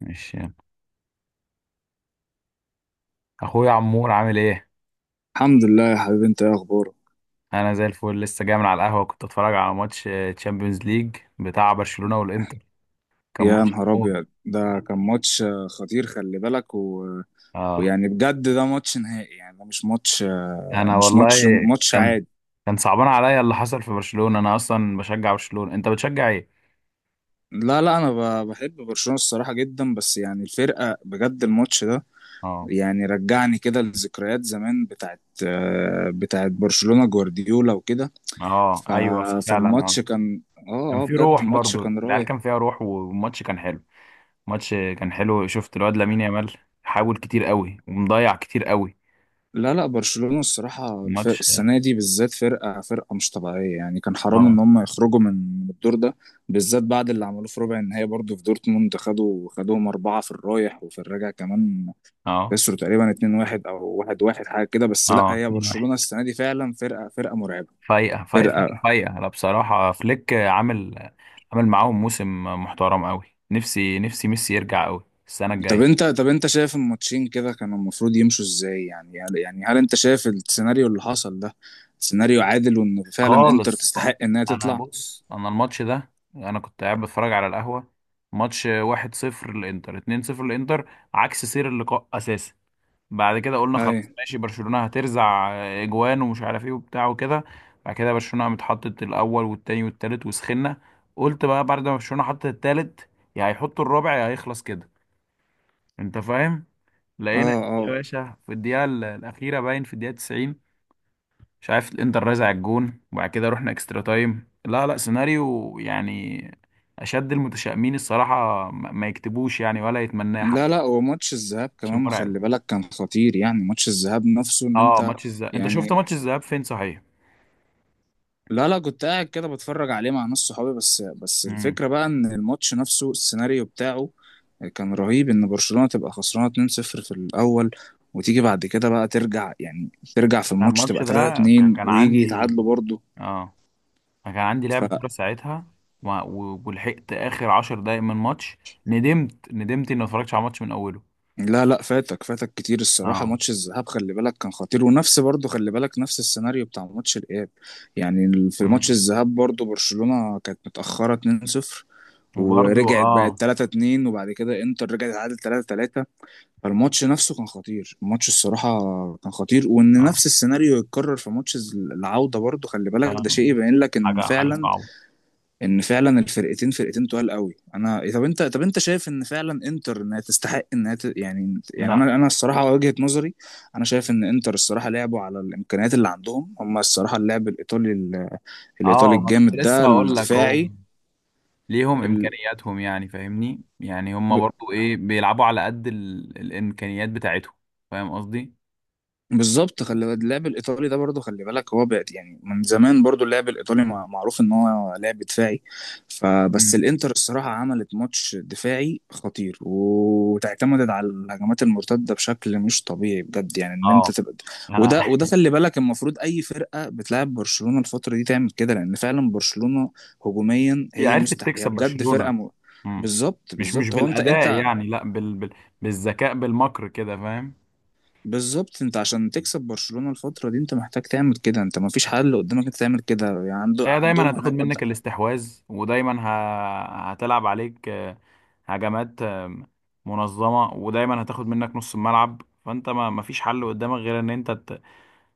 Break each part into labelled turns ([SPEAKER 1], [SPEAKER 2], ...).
[SPEAKER 1] ماشي يلا. اخويا عمور عامل ايه؟
[SPEAKER 2] الحمد لله يا حبيبي، انت ايه اخبارك؟
[SPEAKER 1] انا زي الفل لسه جاي من على القهوه، كنت اتفرج على ماتش تشامبيونز ليج بتاع برشلونه والانتر. كان
[SPEAKER 2] يا
[SPEAKER 1] ماتش
[SPEAKER 2] نهار
[SPEAKER 1] موت.
[SPEAKER 2] ابيض، ده كان ماتش خطير، خلي بالك.
[SPEAKER 1] اه.
[SPEAKER 2] ويعني بجد ده ماتش نهائي، يعني ده مش ماتش
[SPEAKER 1] انا
[SPEAKER 2] مش
[SPEAKER 1] والله
[SPEAKER 2] ماتش ماتش
[SPEAKER 1] كان
[SPEAKER 2] عادي.
[SPEAKER 1] كان صعبان عليا اللي حصل في برشلونه. انا اصلا بشجع برشلونه، انت بتشجع ايه؟
[SPEAKER 2] لا، لا، انا بحب برشلونة الصراحة جدا، بس يعني الفرقة بجد، الماتش ده
[SPEAKER 1] اه،
[SPEAKER 2] يعني رجعني كده لذكريات زمان بتاعت بتاعت برشلونة جوارديولا وكده.
[SPEAKER 1] اه،
[SPEAKER 2] ف...
[SPEAKER 1] ايوه فعلا، اه.
[SPEAKER 2] فالماتش كان،
[SPEAKER 1] كان
[SPEAKER 2] اه
[SPEAKER 1] في
[SPEAKER 2] بجد
[SPEAKER 1] روح
[SPEAKER 2] الماتش
[SPEAKER 1] برضو،
[SPEAKER 2] كان
[SPEAKER 1] العيال كان
[SPEAKER 2] رايح.
[SPEAKER 1] فيها روح والماتش كان حلو. الماتش كان حلو. شفت الواد لامين يامال حاول كتير قوي ومضيع كتير قوي.
[SPEAKER 2] لا، لا، برشلونة الصراحة الفرق
[SPEAKER 1] الماتش
[SPEAKER 2] السنة دي بالذات فرقة فرقة مش طبيعية، يعني كان حرام
[SPEAKER 1] اه
[SPEAKER 2] إن هم يخرجوا من الدور ده، بالذات بعد اللي عملوه في ربع النهائي برضه في دورتموند، خدوهم أربعة في الرايح وفي الراجع كمان،
[SPEAKER 1] اه
[SPEAKER 2] خسروا تقريبا 2-1 أو 1-1 حاجة كده. بس لا،
[SPEAKER 1] اه
[SPEAKER 2] هي
[SPEAKER 1] 2-1.
[SPEAKER 2] برشلونة السنة دي فعلا فرقة فرقة مرعبة
[SPEAKER 1] فايقة فايقة فايقة
[SPEAKER 2] فرقة.
[SPEAKER 1] فايقه. أنا بصراحة فليك عامل معاهم موسم محترم أوي. نفسي نفسي ميسي يرجع أوي السنة
[SPEAKER 2] طب انت
[SPEAKER 1] الجاية.
[SPEAKER 2] طب انت شايف الماتشين كده كانوا المفروض يمشوا ازاي يعني؟ يعني هل انت شايف السيناريو اللي حصل ده سيناريو عادل وان فعلا انتر
[SPEAKER 1] خالص.
[SPEAKER 2] تستحق انها
[SPEAKER 1] أنا
[SPEAKER 2] تطلع؟
[SPEAKER 1] بص، أنا الماتش ده، أنا كنت قاعد بتفرج على القهوة. ماتش 1-0 للإنتر، 2-0 للإنتر، عكس سير اللقاء أساسا. بعد كده قلنا
[SPEAKER 2] اي.
[SPEAKER 1] خلاص ماشي برشلونة هترزع إجوان ومش عارف إيه وبتاع وكده. بعد كده برشلونة متحطت الأول والتاني والتالت وسخنا. قلت بقى بعد ما برشلونة حطت التالت، يا هيحطوا الرابع يا هيخلص كده، انت فاهم.
[SPEAKER 2] اه.
[SPEAKER 1] لقينا يا
[SPEAKER 2] اه.
[SPEAKER 1] باشا في الدقيقه الاخيره، باين في الدقيقه 90، مش عارف الانتر رازع الجون. وبعد كده رحنا اكسترا تايم. لا لا، سيناريو يعني اشد المتشائمين الصراحه ما يكتبوش يعني، ولا يتمناه حد.
[SPEAKER 2] لا، لا، وماتش الذهاب
[SPEAKER 1] ماتش
[SPEAKER 2] كمان
[SPEAKER 1] مرعب.
[SPEAKER 2] خلي بالك كان خطير، يعني ماتش الذهاب نفسه، ان
[SPEAKER 1] اه
[SPEAKER 2] انت
[SPEAKER 1] ماتش الذهاب، انت شفت
[SPEAKER 2] يعني.
[SPEAKER 1] ماتش الذهاب فين صحيح؟
[SPEAKER 2] لا، لا، كنت قاعد كده بتفرج عليه مع ناس صحابي، بس بس
[SPEAKER 1] امم.
[SPEAKER 2] الفكرة بقى ان الماتش نفسه السيناريو بتاعه كان رهيب، ان برشلونة تبقى خسرانة 2-0 في الاول وتيجي بعد كده بقى ترجع، يعني ترجع في
[SPEAKER 1] انا
[SPEAKER 2] الماتش
[SPEAKER 1] الماتش
[SPEAKER 2] تبقى
[SPEAKER 1] ده
[SPEAKER 2] 3-2
[SPEAKER 1] كان
[SPEAKER 2] ويجي
[SPEAKER 1] عندي،
[SPEAKER 2] يتعادلوا برضه.
[SPEAKER 1] اه أنا كان عندي لعب كوره ساعتها، ولحقت اخر 10 دقايق من ماتش. ندمت ندمت اني ما اتفرجتش على الماتش من اوله.
[SPEAKER 2] لا، لا، فاتك فاتك كتير الصراحة،
[SPEAKER 1] اه.
[SPEAKER 2] ماتش الذهاب خلي بالك كان خطير، ونفس برضه خلي بالك نفس السيناريو بتاع ماتش الإياب. يعني في ماتش الذهاب برضه برشلونة كانت متأخرة 2-0
[SPEAKER 1] وبرضو
[SPEAKER 2] ورجعت بقت
[SPEAKER 1] اه.
[SPEAKER 2] 3-2، وبعد كده انتر رجعت عادت 3-3. فالماتش نفسه كان خطير، الماتش الصراحة كان خطير، وإن
[SPEAKER 1] اه.
[SPEAKER 2] نفس السيناريو يتكرر في ماتش العودة برضه، خلي بالك ده
[SPEAKER 1] آه،
[SPEAKER 2] شيء يبين لك إن
[SPEAKER 1] حاجة حاجة
[SPEAKER 2] فعلا،
[SPEAKER 1] صعبة.
[SPEAKER 2] ان فعلا الفرقتين فرقتين تقال قوي. انا طب انت شايف ان فعلا انتر انها تستحق انها يعني يعني
[SPEAKER 1] لا.
[SPEAKER 2] انا الصراحه وجهه نظري، انا شايف ان انتر الصراحه لعبوا على الامكانيات اللي عندهم هم الصراحه، اللعب الايطالي الايطالي
[SPEAKER 1] اه، ما كنت
[SPEAKER 2] الجامد
[SPEAKER 1] لسه
[SPEAKER 2] ده
[SPEAKER 1] هقول لك هو
[SPEAKER 2] الدفاعي.
[SPEAKER 1] ليهم
[SPEAKER 2] ال...
[SPEAKER 1] امكانياتهم يعني، فاهمني، يعني هم برضو ايه بيلعبوا على قد الامكانيات بتاعتهم. فاهم قصدي؟
[SPEAKER 2] بالظبط، خلي بالك اللعب الايطالي ده برضه خلي بالك هو بقى يعني من زمان برضه اللعب الايطالي معروف ان هو لعب دفاعي،
[SPEAKER 1] مم.
[SPEAKER 2] فبس الانتر الصراحه عملت ماتش دفاعي خطير وتعتمدت على الهجمات المرتده بشكل مش طبيعي بجد، يعني ان انت
[SPEAKER 1] اه.
[SPEAKER 2] تبقى.
[SPEAKER 1] انا
[SPEAKER 2] وده، وده خلي بالك المفروض اي فرقه بتلعب برشلونه الفتره دي تعمل كده، لان فعلا برشلونه هجوميا
[SPEAKER 1] هي
[SPEAKER 2] هي
[SPEAKER 1] عرفت
[SPEAKER 2] مستحيل، هي
[SPEAKER 1] تكسب
[SPEAKER 2] بجد فرقه
[SPEAKER 1] برشلونة. مم.
[SPEAKER 2] بالظبط،
[SPEAKER 1] مش
[SPEAKER 2] بالظبط، هو انت
[SPEAKER 1] بالاداء
[SPEAKER 2] انت
[SPEAKER 1] يعني، لا بالذكاء، بالمكر كده، فاهم.
[SPEAKER 2] بالظبط، انت عشان تكسب برشلونة الفترة دي انت محتاج تعمل كده، انت ما فيش حل قدامك انت تعمل كده، يعني
[SPEAKER 1] هي دايما
[SPEAKER 2] عندهم
[SPEAKER 1] هتاخد
[SPEAKER 2] هناك
[SPEAKER 1] منك الاستحواذ، ودايما هتلعب عليك، هجمات منظمة، ودايما هتاخد منك نص الملعب. فانت ما مفيش حل قدامك غير ان انت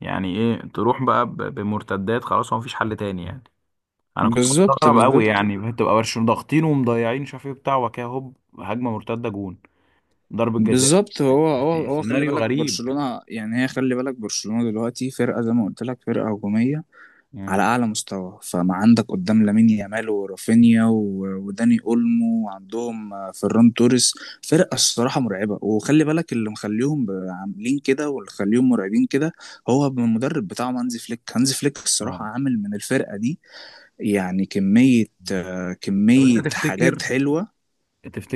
[SPEAKER 1] يعني ايه، تروح بقى بمرتدات. خلاص هو مفيش حل تاني يعني. انا كنت
[SPEAKER 2] بالظبط،
[SPEAKER 1] مستغرب قوي
[SPEAKER 2] بالظبط،
[SPEAKER 1] يعني، بتبقى برشلونة ضاغطين ومضيعين مش عارف ايه بتاع وكده، هوب هجمة مرتدة، جون، ضربة جزاء.
[SPEAKER 2] بالظبط، هو خلي
[SPEAKER 1] سيناريو
[SPEAKER 2] بالك
[SPEAKER 1] غريب.
[SPEAKER 2] برشلونة، يعني هي خلي بالك برشلونة دلوقتي فرقة، زي ما قلت لك، فرقة هجومية على
[SPEAKER 1] مم.
[SPEAKER 2] اعلى مستوى. فما عندك قدام لامين يامال ورافينيا وداني اولمو، وعندهم فيران توريس. فرقه الصراحه مرعبه، وخلي بالك اللي مخليهم عاملين كده واللي مخليهم مرعبين كده هو المدرب بتاعهم هانزي فليك. هانزي فليك الصراحه
[SPEAKER 1] اه.
[SPEAKER 2] عامل من الفرقه دي يعني كميه،
[SPEAKER 1] طب انت
[SPEAKER 2] كميه حاجات
[SPEAKER 1] تفتكر،
[SPEAKER 2] حلوه.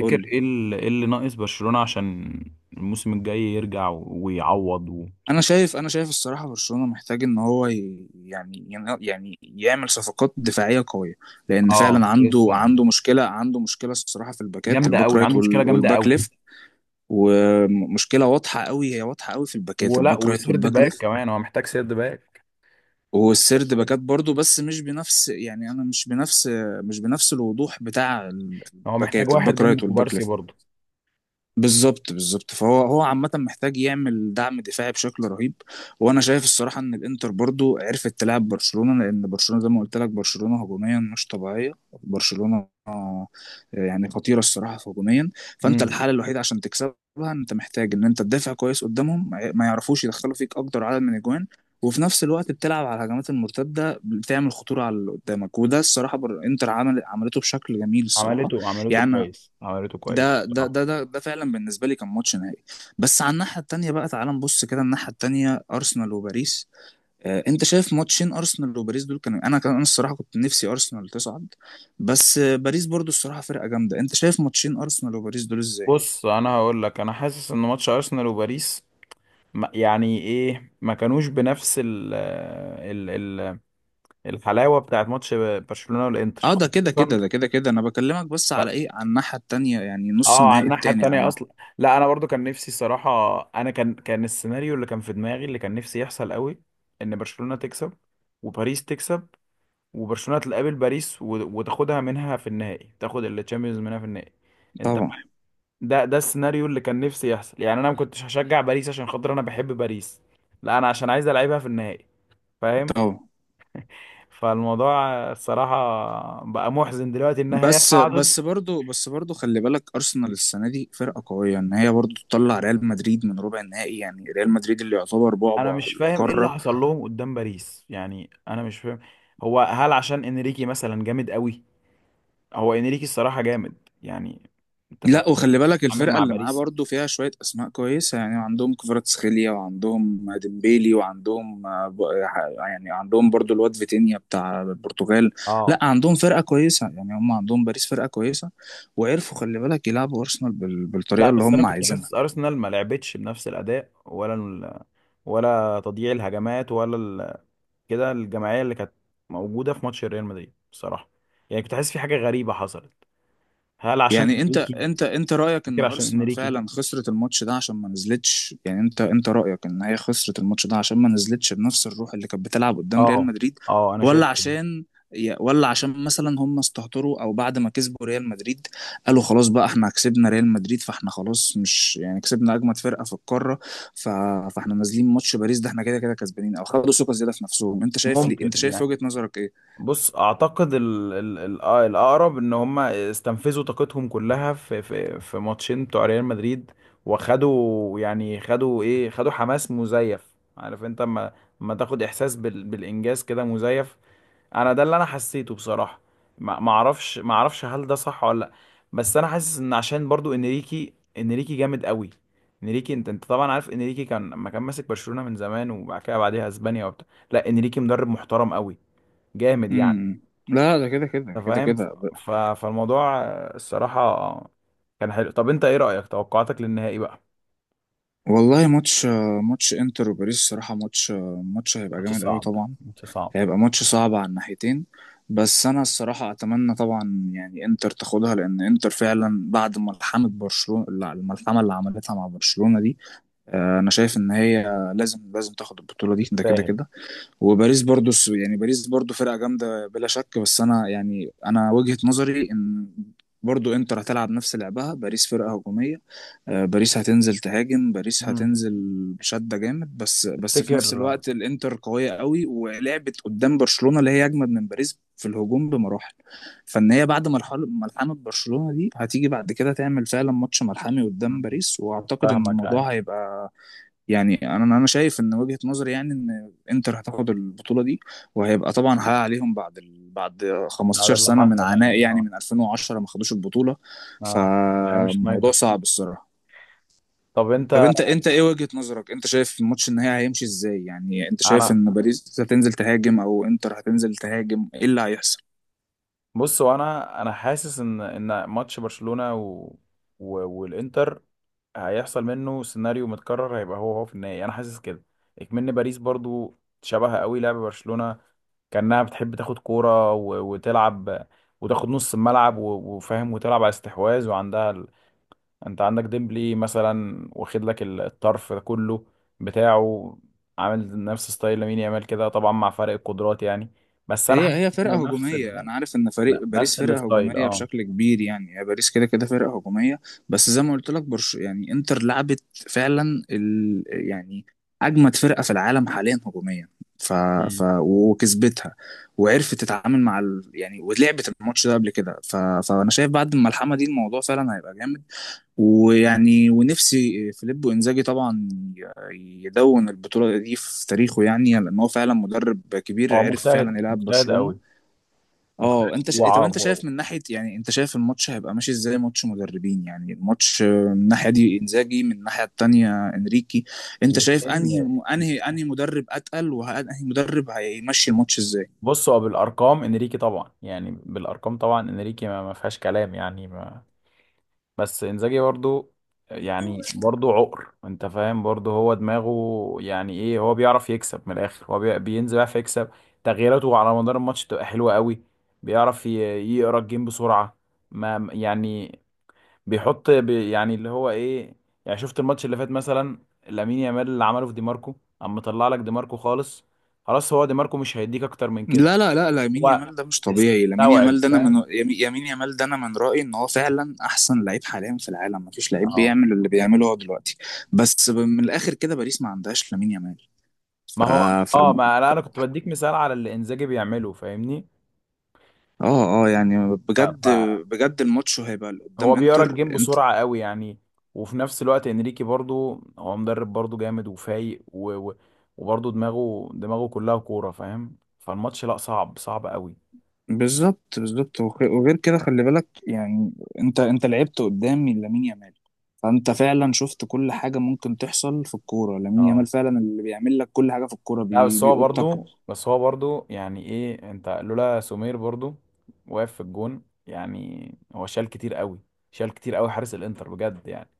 [SPEAKER 2] قول لي.
[SPEAKER 1] ايه إيه اللي ناقص برشلونة عشان الموسم الجاي يرجع ويعوض
[SPEAKER 2] انا شايف الصراحه برشلونه محتاج ان هو يعني يعني يعمل صفقات دفاعيه قويه، لان
[SPEAKER 1] اه
[SPEAKER 2] فعلا
[SPEAKER 1] لسه
[SPEAKER 2] عنده مشكله، عنده مشكله الصراحه في الباكات،
[SPEAKER 1] جامدة
[SPEAKER 2] الباك
[SPEAKER 1] قوي،
[SPEAKER 2] رايت
[SPEAKER 1] عنده مشكلة جامدة
[SPEAKER 2] والباك
[SPEAKER 1] قوي.
[SPEAKER 2] ليفت. ومشكله واضحه قوي، هي واضحه قوي في الباكات،
[SPEAKER 1] ولا
[SPEAKER 2] الباك رايت
[SPEAKER 1] وسيرد
[SPEAKER 2] والباك
[SPEAKER 1] باك
[SPEAKER 2] ليفت.
[SPEAKER 1] كمان، هو محتاج سيرد باك. هو محتاج
[SPEAKER 2] والسرد
[SPEAKER 1] سيرد.
[SPEAKER 2] باكات برضو، بس مش بنفس، يعني انا مش بنفس، مش بنفس الوضوح بتاع
[SPEAKER 1] هو محتاج
[SPEAKER 2] الباكات،
[SPEAKER 1] واحد
[SPEAKER 2] الباك رايت
[SPEAKER 1] جنب
[SPEAKER 2] والباك
[SPEAKER 1] كوبارسي
[SPEAKER 2] ليفت.
[SPEAKER 1] برضه.
[SPEAKER 2] بالظبط، بالظبط، فهو عامة محتاج يعمل دعم دفاعي بشكل رهيب. وانا شايف الصراحة ان الانتر برضو عرفت تلعب برشلونة، لان برشلونة زي ما قلت لك، برشلونة هجوميا مش طبيعية. برشلونة يعني خطيرة الصراحة في هجوميا. فانت
[SPEAKER 1] امم.
[SPEAKER 2] الحالة الوحيدة عشان تكسبها، انت محتاج ان انت تدافع كويس قدامهم، ما يعرفوش يدخلوا فيك اكتر عدد من الاجوان، وفي نفس الوقت بتلعب على الهجمات المرتدة، بتعمل خطورة على اللي قدامك، وده الصراحة انتر عمل عملته بشكل جميل الصراحة.
[SPEAKER 1] عملته، عملته
[SPEAKER 2] يعني
[SPEAKER 1] كويس، عملته كويس
[SPEAKER 2] ده ده
[SPEAKER 1] بصراحة.
[SPEAKER 2] ده ده ده فعلا بالنسبه لي كان ماتش نهائي. بس على الناحيه التانيه بقى، تعال نبص كده الناحيه التانيه، ارسنال وباريس. آه، انت شايف ماتشين ارسنال وباريس دول كانوا، انا الصراحه كنت نفسي ارسنال تصعد، بس آه، باريس برضو الصراحه فرقه جامده. انت شايف ماتشين ارسنال وباريس دول ازاي؟
[SPEAKER 1] بص انا هقول لك، انا حاسس ان ماتش ارسنال وباريس يعني ايه ما كانوش بنفس ال ال ال الحلاوة بتاعت ماتش برشلونة والانتر
[SPEAKER 2] اه، ده كده كده،
[SPEAKER 1] خصوصا.
[SPEAKER 2] ده كده كده، انا بكلمك بس على
[SPEAKER 1] في.
[SPEAKER 2] ايه، على الناحيه التانيه يعني، نص
[SPEAKER 1] اه على
[SPEAKER 2] النهائي
[SPEAKER 1] الناحية
[SPEAKER 2] التاني
[SPEAKER 1] التانية اصلا.
[SPEAKER 2] عامه.
[SPEAKER 1] لا، انا برضو كان نفسي الصراحة، انا كان السيناريو اللي كان في دماغي، اللي كان نفسي يحصل قوي، ان برشلونة تكسب وباريس تكسب، وبرشلونة تقابل باريس وتاخدها منها في النهائي، تاخد التشامبيونز منها في النهائي. انت،
[SPEAKER 2] طبعا.
[SPEAKER 1] ده السيناريو اللي كان نفسي يحصل يعني. انا ما كنتش هشجع باريس عشان خاطر انا بحب باريس، لا انا عشان عايز العبها في النهائي، فاهم.
[SPEAKER 2] طبعا.
[SPEAKER 1] فالموضوع الصراحة بقى محزن دلوقتي انها هي
[SPEAKER 2] بس،
[SPEAKER 1] صعدت.
[SPEAKER 2] بس برضو خلي بالك ارسنال السنه دي فرقه قويه، ان هي برضو تطلع ريال مدريد من ربع النهائي، يعني ريال مدريد اللي يعتبر
[SPEAKER 1] انا
[SPEAKER 2] بعبع
[SPEAKER 1] مش فاهم ايه اللي
[SPEAKER 2] القاره.
[SPEAKER 1] حصل لهم قدام باريس يعني، انا مش فاهم. هو هل عشان انريكي مثلا جامد قوي؟ هو انريكي الصراحة جامد يعني، انت فاهم.
[SPEAKER 2] لا، وخلي بالك
[SPEAKER 1] عامل
[SPEAKER 2] الفرقه
[SPEAKER 1] مع
[SPEAKER 2] اللي معاه
[SPEAKER 1] باريس.
[SPEAKER 2] برضو فيها شويه اسماء كويسه، يعني عندهم كفاراتسخيليا وعندهم ديمبيلي وعندهم يعني عندهم برضو الواد فيتينيا بتاع البرتغال. لا،
[SPEAKER 1] اه
[SPEAKER 2] عندهم فرقه كويسه، يعني هم عندهم باريس فرقه كويسه، وعرفوا خلي بالك يلعبوا ارسنال
[SPEAKER 1] لا
[SPEAKER 2] بالطريقه اللي
[SPEAKER 1] بس انا
[SPEAKER 2] هم
[SPEAKER 1] كنت
[SPEAKER 2] عايزينها.
[SPEAKER 1] حاسس ارسنال ما لعبتش بنفس الاداء، ولا ولا تضييع الهجمات، ولا كده الجماعية اللي كانت موجودة في ماتش ريال مدريد بصراحة. يعني كنت حاسس في حاجة غريبة حصلت. هل عشان
[SPEAKER 2] يعني انت
[SPEAKER 1] انريكي؟
[SPEAKER 2] انت انت رايك ان
[SPEAKER 1] فكرة عشان
[SPEAKER 2] ارسنال
[SPEAKER 1] انريكي.
[SPEAKER 2] فعلا خسرت الماتش ده عشان ما نزلتش، يعني انت رايك ان هي خسرت الماتش ده عشان ما نزلتش بنفس الروح اللي كانت بتلعب قدام ريال
[SPEAKER 1] اه.
[SPEAKER 2] مدريد،
[SPEAKER 1] اه انا شايف
[SPEAKER 2] ولا
[SPEAKER 1] كده.
[SPEAKER 2] عشان، ولا عشان مثلا هم استهتروا؟ او بعد ما كسبوا ريال مدريد قالوا خلاص بقى، احنا كسبنا ريال مدريد فاحنا خلاص، مش يعني كسبنا اجمد فرقه في القاره، ف... فاحنا نازلين ماتش باريس ده احنا كده كده كسبانين؟ او خدوا ثقه زياده في نفسهم؟ انت شايف ليه؟
[SPEAKER 1] ممكن
[SPEAKER 2] انت شايف
[SPEAKER 1] يعني.
[SPEAKER 2] وجهه نظرك ايه؟
[SPEAKER 1] بص اعتقد ال ال ال الاقرب ان هم استنفذوا طاقتهم كلها في ماتشين بتوع ريال مدريد. وخدوا يعني خدوا ايه، خدوا حماس مزيف، عارف انت. اما تاخد احساس بالانجاز كده مزيف، انا ده اللي انا حسيته بصراحة. ما اعرفش، ما اعرفش هل ده صح ولا لا. بس انا حاسس ان عشان برضو انريكي، انريكي جامد قوي. انريكي، انت طبعا عارف انريكي كان لما كان ماسك برشلونة من زمان، وبعد كده بعديها اسبانيا وبتاع. لا انريكي مدرب محترم قوي، جامد يعني،
[SPEAKER 2] امم لا، ده كده كده
[SPEAKER 1] انت
[SPEAKER 2] كده
[SPEAKER 1] فاهم.
[SPEAKER 2] كده.
[SPEAKER 1] فالموضوع الصراحة كان حلو. طب انت ايه رأيك، توقعاتك للنهائي بقى؟
[SPEAKER 2] والله ماتش، ماتش انتر وباريس الصراحة ماتش، ماتش هيبقى
[SPEAKER 1] ماتش
[SPEAKER 2] جامد قوي
[SPEAKER 1] صعب
[SPEAKER 2] طبعا،
[SPEAKER 1] ماتش صعب.
[SPEAKER 2] هيبقى ماتش صعب على الناحيتين. بس انا الصراحة اتمنى طبعا يعني انتر تاخدها، لان انتر فعلا بعد ملحمة برشلونة، لا، الملحمة اللي عملتها مع برشلونة دي، انا شايف ان هي لازم، لازم تاخد البطولة دي، ده كده
[SPEAKER 1] فاهم.
[SPEAKER 2] كده. وباريس برضو يعني باريس برضو فرقة جامدة بلا شك. بس انا يعني انا وجهة نظري ان برضو انتر هتلعب نفس لعبها، باريس فرقة هجومية، باريس هتنزل تهاجم، باريس
[SPEAKER 1] مم.
[SPEAKER 2] هتنزل بشدة جامد. بس، بس في نفس
[SPEAKER 1] تفتكر.
[SPEAKER 2] الوقت الانتر قوية قوي ولعبت قدام برشلونة اللي هي اجمد من باريس في الهجوم بمراحل. فان هي بعد مرحلة ملحمة برشلونة دي هتيجي بعد كده تعمل فعلا ماتش ملحمي قدام
[SPEAKER 1] مم.
[SPEAKER 2] باريس، واعتقد ان
[SPEAKER 1] فاهمك أي.
[SPEAKER 2] الموضوع هيبقى يعني، انا شايف ان وجهة نظري يعني ان انتر هتاخد البطولة دي، وهيبقى طبعا حقق عليهم بعد بعد
[SPEAKER 1] هذا
[SPEAKER 2] 15
[SPEAKER 1] اللي
[SPEAKER 2] سنة من
[SPEAKER 1] حصل
[SPEAKER 2] عناء،
[SPEAKER 1] يعني
[SPEAKER 2] يعني
[SPEAKER 1] اه.
[SPEAKER 2] من 2010 ما خدوش البطولة.
[SPEAKER 1] اه يعني مش
[SPEAKER 2] فموضوع
[SPEAKER 1] نايدر.
[SPEAKER 2] صعب الصراحة.
[SPEAKER 1] طب انت.
[SPEAKER 2] طب انت، ايه وجهة نظرك؟ انت شايف الماتش النهائي هيمشي ازاي؟ يعني انت شايف
[SPEAKER 1] انا
[SPEAKER 2] ان باريس هتنزل تهاجم او انتر هتنزل تهاجم؟ ايه اللي هيحصل؟
[SPEAKER 1] بص، وانا حاسس ان ماتش برشلونة و... والانتر هيحصل منه سيناريو متكرر، هيبقى هو في النهائي، انا حاسس كده. اكمن باريس برضو شبه قوي لعب برشلونة، كأنها بتحب تاخد كورة وتلعب، وتاخد نص الملعب وفاهم، وتلعب على استحواذ وعندها انت عندك ديمبلي مثلا واخد لك الطرف ده كله بتاعه، عامل نفس ستايل لامين يامال كده طبعا، مع فرق القدرات يعني. بس انا
[SPEAKER 2] هي
[SPEAKER 1] حاسس
[SPEAKER 2] هي
[SPEAKER 1] انه
[SPEAKER 2] فرقة
[SPEAKER 1] نفس
[SPEAKER 2] هجومية، أنا عارف إن فريق باريس
[SPEAKER 1] نفس
[SPEAKER 2] فرقة
[SPEAKER 1] الستايل.
[SPEAKER 2] هجومية
[SPEAKER 1] اه.
[SPEAKER 2] بشكل كبير، يعني هي باريس كده كده فرقة هجومية. بس زي ما قلت لك، يعني إنتر لعبت فعلا يعني أجمد فرقة في العالم حاليا هجوميا. ف...
[SPEAKER 1] مم.
[SPEAKER 2] وكسبتها، وعرفت تتعامل مع يعني، ولعبت الماتش ده قبل كده. فأنا شايف بعد الملحمة دي الموضوع فعلا هيبقى جامد. ويعني ونفسي فيليب وانزاجي طبعا يدون البطولة دي في تاريخه، يعني لأن هو فعلا مدرب
[SPEAKER 1] هو
[SPEAKER 2] كبير عرف
[SPEAKER 1] مجتهد،
[SPEAKER 2] فعلا يلعب
[SPEAKER 1] مجتهد
[SPEAKER 2] برشلونة.
[SPEAKER 1] قوي. مجتهد
[SPEAKER 2] اه، انت طب انت
[SPEAKER 1] وعاب
[SPEAKER 2] شايف من ناحية يعني، انت شايف الماتش هيبقى ماشي ازاي؟ ماتش مدربين يعني، الماتش من الناحية دي انزاجي، من الناحية التانية انريكي. انت شايف انهي
[SPEAKER 1] الاثنين.
[SPEAKER 2] انهي انهي مدرب اتقل؟ وانهي مدرب هيمشي الماتش ازاي؟
[SPEAKER 1] بصوا بالارقام، انريكي طبعا يعني، بالارقام طبعا انريكي ما فيهاش كلام يعني. بس انزاجي برضو، يعني برضو عقر، انت فاهم، برضو هو دماغه يعني ايه، هو بيعرف يكسب من الاخر، هو بينزل يعرف يكسب. تغييراته على مدار الماتش بتبقى حلوة قوي. بيعرف يقرا الجيم بسرعة. ما يعني بيحط بي يعني اللي هو ايه، يعني شفت الماتش اللي فات مثلا؟ لامين يامال اللي عمله في دي ماركو، اما مطلع لك دي ماركو خالص، خلاص هو دي ماركو مش هيديك اكتر من كده.
[SPEAKER 2] لا، لا، لا، لامين
[SPEAKER 1] هو
[SPEAKER 2] يامال ده مش طبيعي، لامين
[SPEAKER 1] استوعب
[SPEAKER 2] يامال ده انا
[SPEAKER 1] فاهم.
[SPEAKER 2] من يامين يامال ده انا من رأيي ان هو فعلا احسن لعيب حاليا في العالم، مفيش لعيب
[SPEAKER 1] اه.
[SPEAKER 2] بيعمل اللي بيعمله هو دلوقتي. بس من الاخر كده باريس ما عندهاش لامين يامال. ف...
[SPEAKER 1] ما هو.
[SPEAKER 2] ف...
[SPEAKER 1] اه ما لا، انا كنت بديك مثال على اللي انزاجي بيعمله، فاهمني.
[SPEAKER 2] اه يعني بجد،
[SPEAKER 1] ف-
[SPEAKER 2] بجد الماتش هيبقى اللي
[SPEAKER 1] فهو
[SPEAKER 2] قدام
[SPEAKER 1] بيقرا
[SPEAKER 2] انتر،
[SPEAKER 1] الجيم
[SPEAKER 2] انت
[SPEAKER 1] بسرعه قوي يعني. وفي نفس الوقت انريكي برضو هو مدرب برضو جامد وفايق وبرضو دماغه دماغه كلها كوره، فاهم. فالماتش لا صعب، صعب قوي.
[SPEAKER 2] بالظبط، بالظبط، وغير كده خلي بالك يعني، انت لعبت قدام لامين يامال، فانت فعلا شفت كل حاجه ممكن تحصل في الكوره، لامين يامال
[SPEAKER 1] اه
[SPEAKER 2] فعلا اللي بيعمل لك كل حاجه في الكوره
[SPEAKER 1] لا بس هو
[SPEAKER 2] بيقطك.
[SPEAKER 1] برضو بس هو برضو يعني ايه انت لولا سمير برضو واقف في الجون يعني. هو شال كتير قوي، شال كتير قوي حارس الانتر بجد يعني.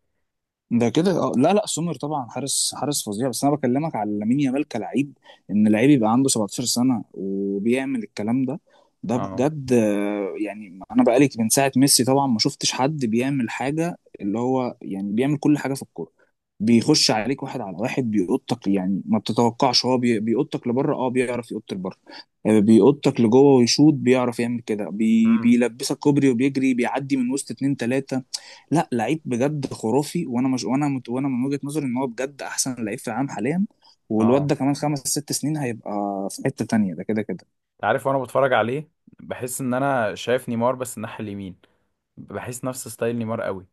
[SPEAKER 2] ده كده، اه، لا، لا، سومر طبعا حارس، حارس فظيع، بس انا بكلمك على لامين يامال كلاعب، ان لعيب يبقى عنده 17 سنه وبيعمل الكلام ده، ده
[SPEAKER 1] اه.
[SPEAKER 2] بجد يعني، انا بقالي من ساعه ميسي طبعا ما شفتش حد بيعمل حاجه اللي هو، يعني بيعمل كل حاجه في الكوره، بيخش عليك واحد على واحد بيقطك يعني، ما بتتوقعش هو بيقطك لبره، اه بيعرف يقط لبره، بيقطك لجوه ويشوط، بيعرف يعمل كده، بي
[SPEAKER 1] امم.
[SPEAKER 2] بيلبسك كوبري وبيجري بيعدي من وسط اتنين تلاته. لا، لعيب بجد خرافي، وانا مش، وانا من وجهة نظري ان هو بجد احسن لعيب في العالم حاليا. والواد
[SPEAKER 1] اه.
[SPEAKER 2] ده كمان خمس ست سنين هيبقى في حتة تانية، ده كده كده.
[SPEAKER 1] عارف وانا بتفرج عليه بحس ان انا شايف نيمار بس الناحية اليمين. بحس نفس ستايل نيمار قوي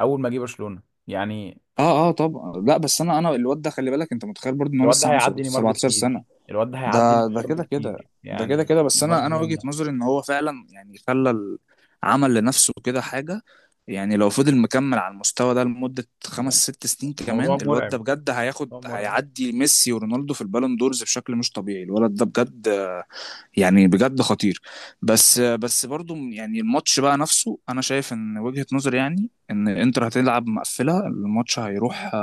[SPEAKER 1] اول ما جه برشلونة يعني.
[SPEAKER 2] اه طبعا. لا، بس
[SPEAKER 1] يعني
[SPEAKER 2] انا الواد ده خلي بالك، انت متخيل برضه ان هو
[SPEAKER 1] الواد ده
[SPEAKER 2] لسه عنده
[SPEAKER 1] هيعدي نيمار
[SPEAKER 2] 17
[SPEAKER 1] بكتير.
[SPEAKER 2] سنة؟
[SPEAKER 1] الواد ده هيعدي
[SPEAKER 2] ده ده
[SPEAKER 1] نيمار
[SPEAKER 2] كده كده،
[SPEAKER 1] بكتير
[SPEAKER 2] ده كده
[SPEAKER 1] يعني،
[SPEAKER 2] كده. بس
[SPEAKER 1] نيمار
[SPEAKER 2] انا
[SPEAKER 1] ظلم
[SPEAKER 2] وجهة
[SPEAKER 1] نفسه.
[SPEAKER 2] نظري ان هو فعلا يعني عمل لنفسه كده حاجة، يعني لو فضل مكمل على المستوى ده لمدة خمس ست سنين
[SPEAKER 1] الموضوع
[SPEAKER 2] كمان، الواد ده
[SPEAKER 1] مرعب.
[SPEAKER 2] بجد هياخد،
[SPEAKER 1] موضوع مرعب.
[SPEAKER 2] هيعدي ميسي ورونالدو في البالون دورز بشكل مش طبيعي، الولد ده بجد يعني بجد خطير. بس، بس برضو يعني الماتش بقى نفسه، انا شايف ان وجهة نظري يعني ان انتر هتلعب مقفله، الماتش هيروح،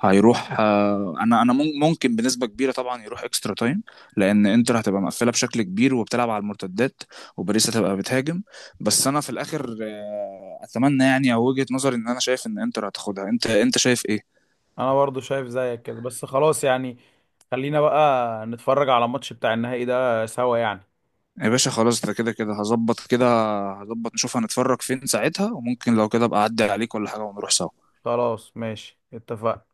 [SPEAKER 2] هيروح، انا ممكن بنسبه كبيره طبعا يروح اكسترا تايم، لان انتر هتبقى مقفله بشكل كبير وبتلعب على المرتدات، وباريس هتبقى بتهاجم. بس انا في الاخر اتمنى يعني او وجهة نظري ان انا شايف ان انتر هتاخدها. انت شايف ايه؟
[SPEAKER 1] انا برضو شايف زيك كده، بس خلاص يعني، خلينا بقى نتفرج على الماتش بتاع النهائي ده سوا يعني.
[SPEAKER 2] يا باشا خلاص، ده كده كده هظبط كده، هظبط نشوف هنتفرج فين ساعتها، وممكن لو كده ابقى اعدي عليك ولا حاجه ونروح سوا.
[SPEAKER 1] خلاص ماشي اتفقنا.